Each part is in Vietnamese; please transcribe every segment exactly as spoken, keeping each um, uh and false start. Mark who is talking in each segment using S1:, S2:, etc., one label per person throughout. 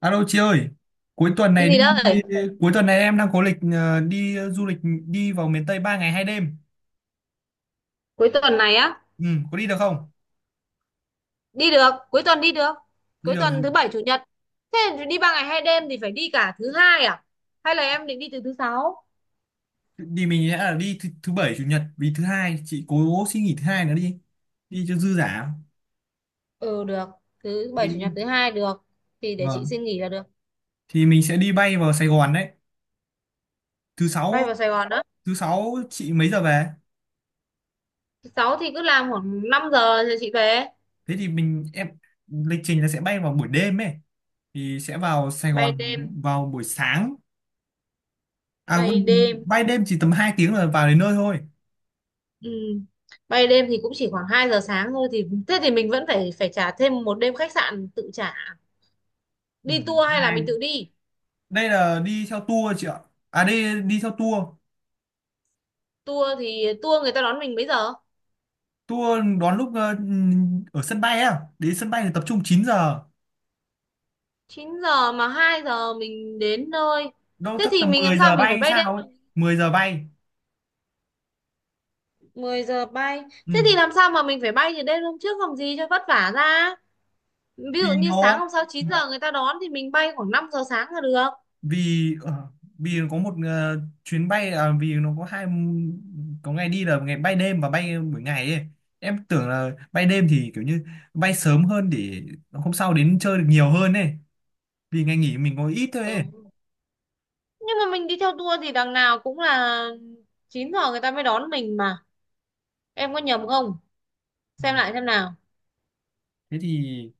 S1: Alo chị ơi, cuối tuần
S2: Cái
S1: này đi
S2: gì đấy?
S1: cuối tuần này em đang có lịch ờ, đi du lịch đi vào miền Tây ba ngày hai đêm.
S2: Cuối tuần này á?
S1: Ừ, có đi được không?
S2: Đi được, cuối tuần đi được.
S1: Đi
S2: Cuối
S1: được
S2: tuần
S1: gì?
S2: thứ bảy chủ nhật. Thế thì đi ba ngày hai đêm thì phải đi cả thứ hai à? Hay là em định đi từ thứ sáu?
S1: Đi mình sẽ là đi thứ, thứ bảy chủ nhật vì thứ hai chị cố xin nghỉ thứ hai nữa đi. Đi cho dư giả.
S2: Ừ được, thứ bảy
S1: Mình
S2: chủ nhật
S1: đi.
S2: thứ hai được. Thì để chị
S1: Vâng.
S2: xin nghỉ là được.
S1: Thì mình sẽ đi bay vào Sài Gòn đấy. Thứ
S2: Bay
S1: sáu
S2: vào Sài Gòn đó.
S1: thứ sáu chị mấy giờ về?
S2: Thứ sáu thì cứ làm khoảng năm giờ rồi chị về.
S1: Thế thì mình em lịch trình là sẽ bay vào buổi đêm ấy thì sẽ vào Sài
S2: Bay
S1: Gòn
S2: đêm,
S1: vào buổi sáng. À
S2: bay
S1: quên,
S2: đêm.
S1: bay đêm chỉ tầm hai tiếng là vào đến nơi thôi.
S2: Ừ. Bay đêm thì cũng chỉ khoảng hai giờ sáng thôi, thì thế thì mình vẫn phải phải trả thêm một đêm khách sạn tự trả.
S1: Ừ.
S2: Đi tour hay là mình tự
S1: Hai.
S2: đi?
S1: Đây là đi theo tour chị ạ. À đây đi theo tour.
S2: Tour thì tour người ta đón mình mấy giờ?
S1: Tour đón lúc ờ, ở sân bay á. Đến sân bay thì tập trung chín giờ.
S2: Chín giờ mà hai giờ mình đến nơi.
S1: Đâu
S2: Thế
S1: chắc
S2: thì
S1: tầm
S2: mình làm
S1: mười
S2: sao
S1: giờ
S2: mình phải
S1: bay
S2: bay
S1: sao
S2: đêm được.
S1: ấy. Mười giờ bay.
S2: mười giờ bay.
S1: Ừ.
S2: Thế thì làm sao mà mình phải bay từ đêm hôm trước làm gì cho vất vả ra. Ví
S1: Vì
S2: dụ như sáng
S1: nó
S2: hôm sau chín giờ người ta đón thì mình bay khoảng năm giờ sáng là được.
S1: vì ờ, vì nó có một ờ, chuyến bay à, vì nó có hai có ngày đi là ngày bay đêm và bay buổi ngày ấy. Em tưởng là bay đêm thì kiểu như bay sớm hơn để hôm sau đến chơi được nhiều hơn ấy. Vì ngày nghỉ mình có ít thôi ấy.
S2: Ừ. Nhưng mà mình đi theo tour thì đằng nào cũng là chín giờ người ta mới đón mình mà. Em có nhầm không? Xem
S1: Ủa,
S2: lại xem nào.
S1: Thế thì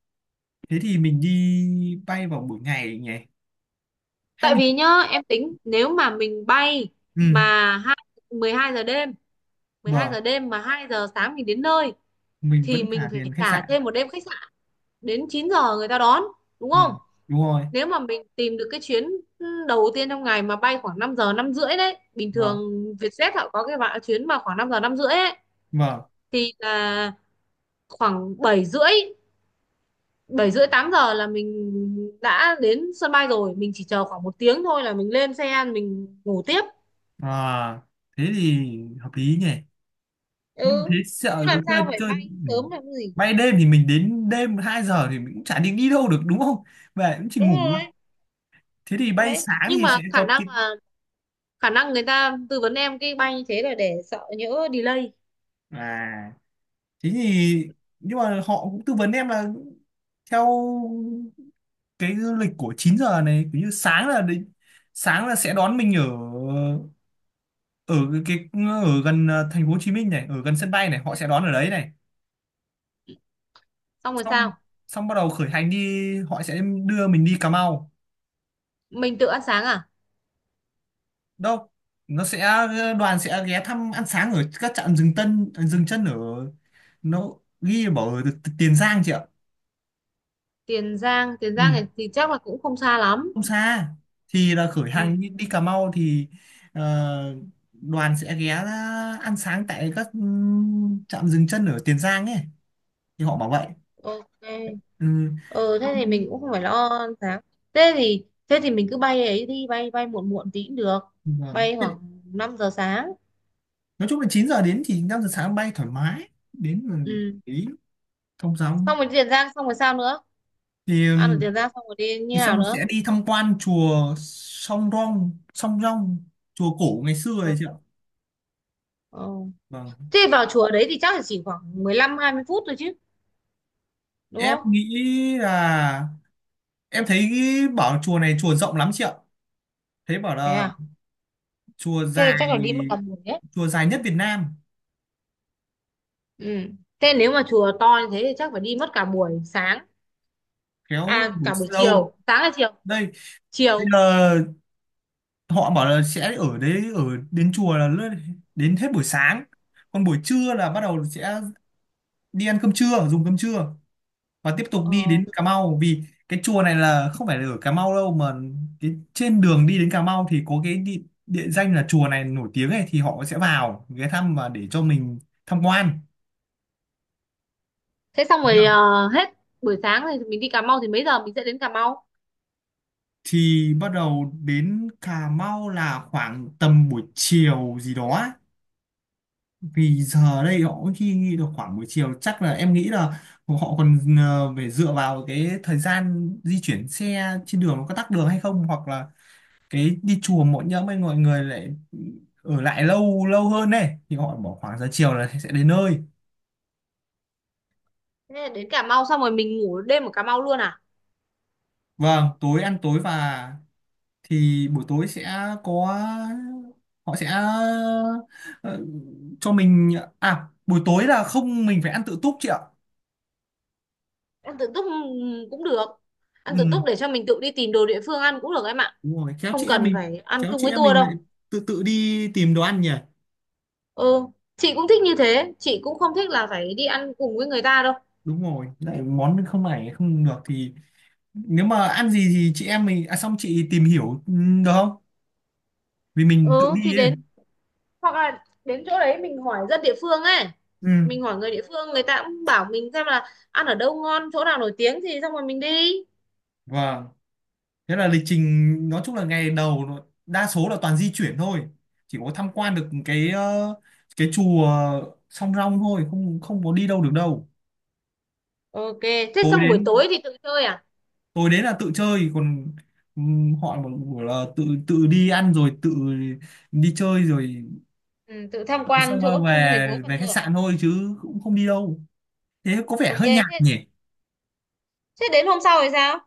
S1: thế thì mình đi bay vào buổi ngày nhỉ, hay
S2: Tại
S1: mình
S2: vì nhá, em tính nếu mà mình bay
S1: ừ,
S2: mà hai- mười hai giờ đêm, mười hai
S1: vâng,
S2: giờ đêm mà hai giờ sáng mình đến nơi
S1: mình
S2: thì
S1: vẫn
S2: mình
S1: trả
S2: phải
S1: tiền khách
S2: trả
S1: sạn,
S2: thêm một đêm khách sạn đến chín giờ người ta đón, đúng không?
S1: vâng, đúng rồi,
S2: Nếu mà mình tìm được cái chuyến đầu tiên trong ngày mà bay khoảng năm giờ năm rưỡi đấy, bình thường
S1: vâng,
S2: Vietjet họ có cái bạn chuyến mà khoảng năm giờ năm rưỡi ấy,
S1: vâng.
S2: thì là khoảng bảy rưỡi, bảy rưỡi tám giờ là mình đã đến sân bay rồi, mình chỉ chờ khoảng một tiếng thôi là mình lên xe mình ngủ tiếp.
S1: À, thế thì hợp lý nhỉ, nhưng thế
S2: Ừ, chứ
S1: sợ có
S2: làm
S1: chơi
S2: sao phải
S1: chơi.
S2: bay
S1: Ừ.
S2: sớm làm cái gì.
S1: Bay đêm thì mình đến đêm hai giờ thì mình cũng chả định đi đâu được đúng không, về cũng chỉ
S2: Đúng
S1: ngủ.
S2: rồi,
S1: Thế thì bay
S2: đấy
S1: sáng
S2: nhưng
S1: thì sẽ
S2: mà khả
S1: có cái
S2: năng là khả năng người ta tư vấn em cái bay như thế là để sợ nhỡ delay.
S1: à thế thì, nhưng mà họ cũng tư vấn em là theo cái lịch của chín giờ này kiểu như sáng là đến sáng là sẽ đón mình ở ở cái, cái ở gần ờ, thành phố Hồ Chí Minh này, ở gần sân bay này
S2: Ừ.
S1: họ sẽ đón ở đấy này,
S2: Xong rồi
S1: xong
S2: sao,
S1: xong bắt đầu khởi hành đi, họ sẽ đưa mình đi Cà Mau.
S2: mình tự ăn sáng à?
S1: Đâu, nó sẽ ờ, đoàn sẽ ghé thăm ăn sáng ở các trạm dừng tân dừng chân ở, nó ghi bảo ở Tiền Giang chị ạ.
S2: Tiền Giang. Tiền
S1: Ừ.
S2: Giang này thì chắc là cũng không xa lắm.
S1: Không xa, thì là khởi
S2: Ừ.
S1: hành đi, đi, Cà Mau thì ờ, đoàn sẽ ghé ra ăn sáng tại các ừm, trạm dừng chân ở Tiền Giang ấy, thì họ bảo vậy.
S2: Ok.
S1: Ừ.
S2: Ừ, thế thì mình
S1: Em-
S2: cũng không phải lo ăn sáng, thế thì thế thì mình cứ bay ấy, đi bay bay muộn muộn tí cũng được,
S1: vâng.
S2: bay
S1: Thế
S2: khoảng năm giờ sáng.
S1: nói chung là chín giờ đến thì năm giờ sáng bay thoải mái đến là,
S2: Ừ.
S1: ý thông dòng.
S2: Xong rồi Tiền Giang, xong rồi sao nữa,
S1: thì
S2: ăn ở
S1: ừm,
S2: Tiền Giang xong rồi đi như
S1: thì xong
S2: nào
S1: rồi
S2: nữa?
S1: sẽ đi tham quan chùa Song Rong Song Rong, chùa cổ ngày xưa
S2: Ừ.
S1: ấy chị ạ.
S2: Ừ.
S1: Vâng.
S2: Thế vào chùa đấy thì chắc là chỉ khoảng mười lăm hai mươi phút thôi chứ, đúng
S1: em
S2: không?
S1: nghĩ là em thấy bảo chùa này chùa rộng lắm chị ạ, thấy bảo
S2: Thế
S1: là
S2: à?
S1: chùa
S2: Thế
S1: dài
S2: chắc là đi mất cả buổi đấy.
S1: chùa dài nhất Việt Nam.
S2: Ừ. Thế nếu mà chùa to như thế thì chắc phải đi mất cả buổi sáng.
S1: Kéo
S2: À
S1: buổi
S2: cả buổi
S1: sâu
S2: chiều, sáng hay chiều?
S1: đây, bây
S2: Chiều.
S1: giờ họ bảo là sẽ ở đấy, ở đến chùa là lướt- đến hết buổi sáng. Còn buổi trưa là bắt đầu sẽ đi ăn cơm trưa dùng cơm trưa và tiếp tục
S2: Ờ.
S1: đi đến Cà Mau, vì cái chùa này là không phải là ở Cà Mau đâu mà cái trên đường đi đến Cà Mau thì có cái địa, địa danh là chùa này nổi tiếng ấy, thì họ sẽ vào ghé thăm và để cho mình tham quan.
S2: Thế xong rồi ờ, hết buổi sáng thì mình đi Cà Mau, thì mấy giờ mình sẽ đến Cà Mau?
S1: Thì bắt đầu đến Cà Mau là khoảng tầm buổi chiều gì đó á. Vì giờ đây họ cũng khi nghĩ được khoảng buổi chiều, chắc là em nghĩ là họ còn ờ, phải dựa vào cái thời gian di chuyển xe trên đường, nó có tắc đường hay không, hoặc là cái đi chùa mỗi nhóm ấy mọi người lại ở lại lâu lâu hơn này, thì họ bỏ khoảng giờ chiều là sẽ đến nơi.
S2: Thế là đến Cà Mau xong rồi mình ngủ đêm ở Cà Mau luôn à?
S1: Vâng, tối ăn tối và thì buổi tối sẽ có, họ sẽ ờ, cho mình. À buổi tối là không, mình phải ăn tự túc chị ạ.
S2: Ăn tự túc, ừm, cũng được. Ăn tự
S1: Ừ,
S2: túc để cho mình tự đi tìm đồ địa phương ăn cũng được em ạ,
S1: đúng rồi. khéo
S2: không
S1: chị em
S2: cần
S1: mình
S2: phải ăn
S1: khéo
S2: chung
S1: chị
S2: với
S1: em
S2: tour
S1: mình lại
S2: đâu.
S1: tự tự đi tìm đồ ăn nhỉ.
S2: Ừ, chị cũng thích như thế, chị cũng không thích là phải đi ăn cùng với người ta đâu.
S1: Đúng rồi, lại món không này không được thì nếu mà ăn gì thì chị em mình, à xong chị tìm hiểu, ừ, được không, vì mình tự
S2: Ừ thì
S1: đi ấy.
S2: đến, hoặc là đến chỗ đấy mình hỏi dân địa phương ấy,
S1: Ừ.
S2: mình hỏi người địa phương người ta cũng bảo mình xem là ăn ở đâu ngon chỗ nào nổi tiếng thì xong rồi mình đi.
S1: Vâng. Thế là lịch trình nói chung là ngày đầu nó- đa số là toàn di chuyển thôi, chỉ có tham quan được cái ờ, cái chùa Song Rong
S2: Ừ.
S1: thôi, không không có đi đâu được đâu.
S2: Ok, thế
S1: tối
S2: xong buổi
S1: đến
S2: tối thì tự chơi à?
S1: tối đến là tự chơi, còn ừm, họ mà bảo là tự tự đi ăn rồi tự đi chơi rồi
S2: Ừ, tự tham quan
S1: xong rồi
S2: chỗ trung tâm thành phố
S1: về
S2: Cần
S1: về
S2: Thơ
S1: khách
S2: à?
S1: sạn thôi chứ cũng không đi đâu, thế có vẻ
S2: Ok
S1: hơi nhạt
S2: thế,
S1: nhỉ.
S2: thế đến hôm sau thì sao?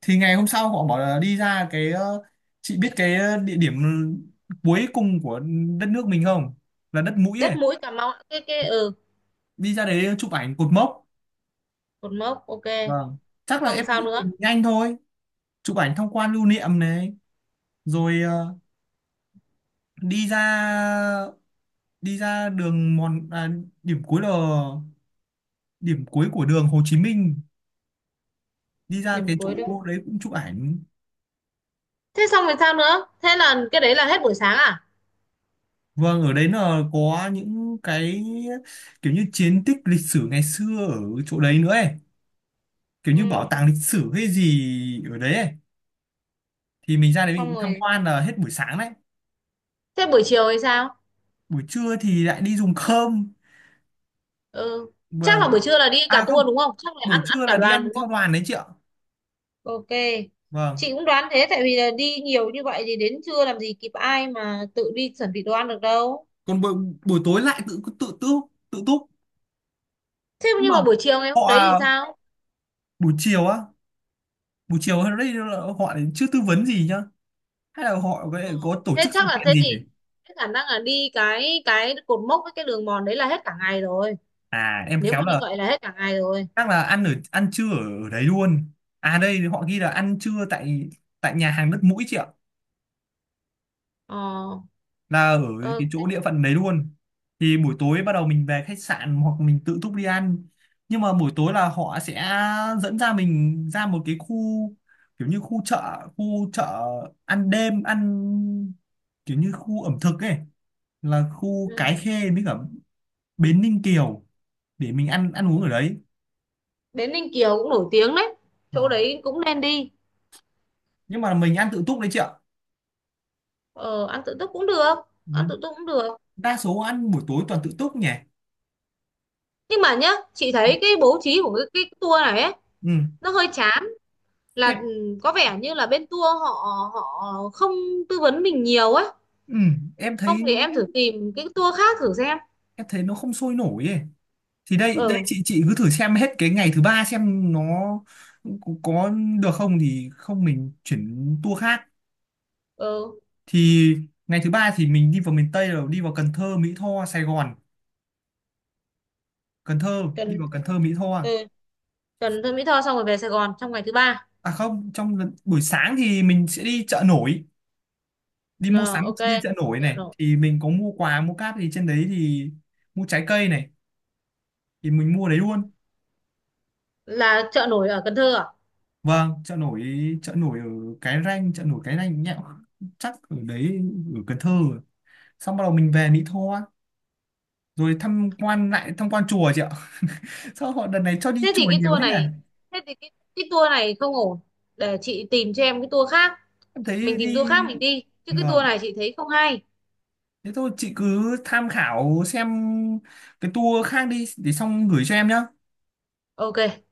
S1: Thì ngày hôm sau họ bảo là đi ra cái ờ, chị biết cái địa điểm cuối cùng của đất nước mình không, là đất mũi
S2: Đất
S1: ấy,
S2: mũi Cà Mau ạ. Cái cái ừ
S1: đi ra đấy chụp ảnh cột mốc.
S2: cột mốc, ok.
S1: Vâng, chắc là
S2: Xong
S1: em
S2: sao
S1: nghĩ từ
S2: nữa?
S1: nhanh thôi. Chụp ảnh tham quan lưu niệm này, rồi ờ, đi ra đi ra đường mòn à, điểm cuối là điểm cuối của đường Hồ Chí Minh, đi ra
S2: Điểm
S1: cái
S2: cuối đi.
S1: chỗ đấy cũng chụp ảnh.
S2: Thế xong rồi sao nữa, thế là cái đấy là hết buổi sáng à?
S1: Vâng, ở đấy là có những cái kiểu như chiến tích lịch sử ngày xưa ở chỗ đấy nữa ấy, kiểu như bảo
S2: Ừ.
S1: tàng lịch sử hay gì ở đấy ấy. Thì mình ra đấy
S2: Xong
S1: mình tham
S2: rồi
S1: quan là hết buổi sáng đấy,
S2: thế buổi chiều thì sao?
S1: buổi trưa thì lại đi dùng cơm.
S2: Ừ, chắc là buổi
S1: Vâng.
S2: trưa là đi cả
S1: À không,
S2: tour đúng không, chắc là
S1: buổi
S2: ăn ăn
S1: trưa
S2: cả
S1: là đi
S2: đoàn
S1: ăn
S2: đúng
S1: theo
S2: không?
S1: đoàn đấy chị ạ.
S2: Ok.
S1: Vâng.
S2: Chị cũng đoán thế tại vì là đi nhiều như vậy thì đến trưa làm gì kịp ai mà tự đi chuẩn bị đồ ăn được đâu.
S1: Còn buổi buổi tối lại tự tự tự tự túc.
S2: Thế
S1: Nhưng
S2: nhưng
S1: mà
S2: mà buổi chiều ngày
S1: họ
S2: hôm đấy thì
S1: à,
S2: sao?
S1: buổi chiều á, buổi chiều ở đây là họ lại chưa tư vấn gì nhá. Hay là họ có
S2: Ờ,
S1: có tổ
S2: thế
S1: chức sự
S2: chắc là
S1: kiện
S2: thế
S1: gì nhỉ?
S2: thì thế khả năng là đi cái cái cột mốc với cái đường mòn đấy là hết cả ngày rồi.
S1: À em
S2: Nếu
S1: khéo
S2: mà như
S1: là
S2: vậy là hết cả ngày rồi.
S1: chắc là ăn ở ăn trưa ở, ở đấy luôn. À đây họ ghi là ăn trưa tại tại nhà hàng đất mũi chị ạ.
S2: Ờ,
S1: Là ở cái chỗ
S2: ok.
S1: địa phận đấy luôn, thì buổi tối bắt đầu mình về khách sạn hoặc mình tự túc đi ăn, nhưng mà buổi tối là họ sẽ dẫn ra mình ra một cái khu kiểu như khu chợ khu chợ ăn đêm ăn kiểu như khu ẩm thực ấy, là khu Cái
S2: Ừ.
S1: Khê với cả Bến Ninh Kiều để mình ăn ăn uống ở đấy.
S2: Bến Ninh Kiều cũng nổi tiếng đấy. Chỗ
S1: Vâng.
S2: đấy cũng nên đi.
S1: Nhưng mà mình ăn tự túc đấy chị ạ.
S2: Ờ, ăn tự túc cũng được.
S1: Ừ.
S2: Ăn tự túc cũng được.
S1: Đa số ăn buổi tối toàn tự túc nhỉ.
S2: Nhưng mà nhá, chị thấy cái bố trí của cái, cái tour này ấy,
S1: Ừ.
S2: nó hơi chán, là
S1: em
S2: ừ, có vẻ như là bên tour họ họ không tư vấn mình nhiều á,
S1: ừ. em
S2: không
S1: thấy
S2: thì em thử tìm cái tour khác thử xem.
S1: em thấy nó không sôi nổi ấy, thì đây, đây
S2: Ừ.
S1: chị chị cứ thử xem hết cái ngày thứ ba xem nó có, có được không, thì không mình chuyển tour khác.
S2: Ừ,
S1: Thì ngày thứ ba thì mình đi vào miền Tây rồi đi vào Cần Thơ Mỹ Tho Sài Gòn Cần Thơ đi
S2: Cần
S1: vào
S2: Thơ.
S1: Cần Thơ Mỹ Tho à.
S2: Ừ. Cần Thơ, Mỹ Tho xong rồi về Sài Gòn trong ngày thứ ba.
S1: À không, trong lần- buổi sáng thì mình sẽ đi chợ nổi, đi mua
S2: Ờ,
S1: sắm,
S2: ok
S1: đi chợ nổi
S2: chợ
S1: này
S2: nổi.
S1: thì mình có mua quà mua cáp thì trên đấy thì mua trái cây này thì mình mua đấy luôn.
S2: Là chợ nổi ở Cần Thơ à?
S1: Vâng. chợ nổi chợ nổi ở Cái Răng, chợ nổi Cái Răng nhẹo, chắc ở đấy ở Cần Thơ, xong bắt đầu mình về Mỹ Tho rồi tham quan lại tham quan chùa chị ạ. Sao họ đợt này cho đi
S2: Thế thì
S1: chùa
S2: cái
S1: nhiều
S2: tour
S1: thế nhỉ.
S2: này, thế thì cái, cái tour này không ổn, để chị tìm cho em cái tour khác,
S1: Em thấy
S2: mình tìm tour
S1: đi,
S2: khác mình đi chứ cái tour
S1: vâng,
S2: này chị thấy không hay.
S1: thế thôi chị cứ tham khảo xem cái tour khác đi để xong gửi cho em nhá
S2: Ok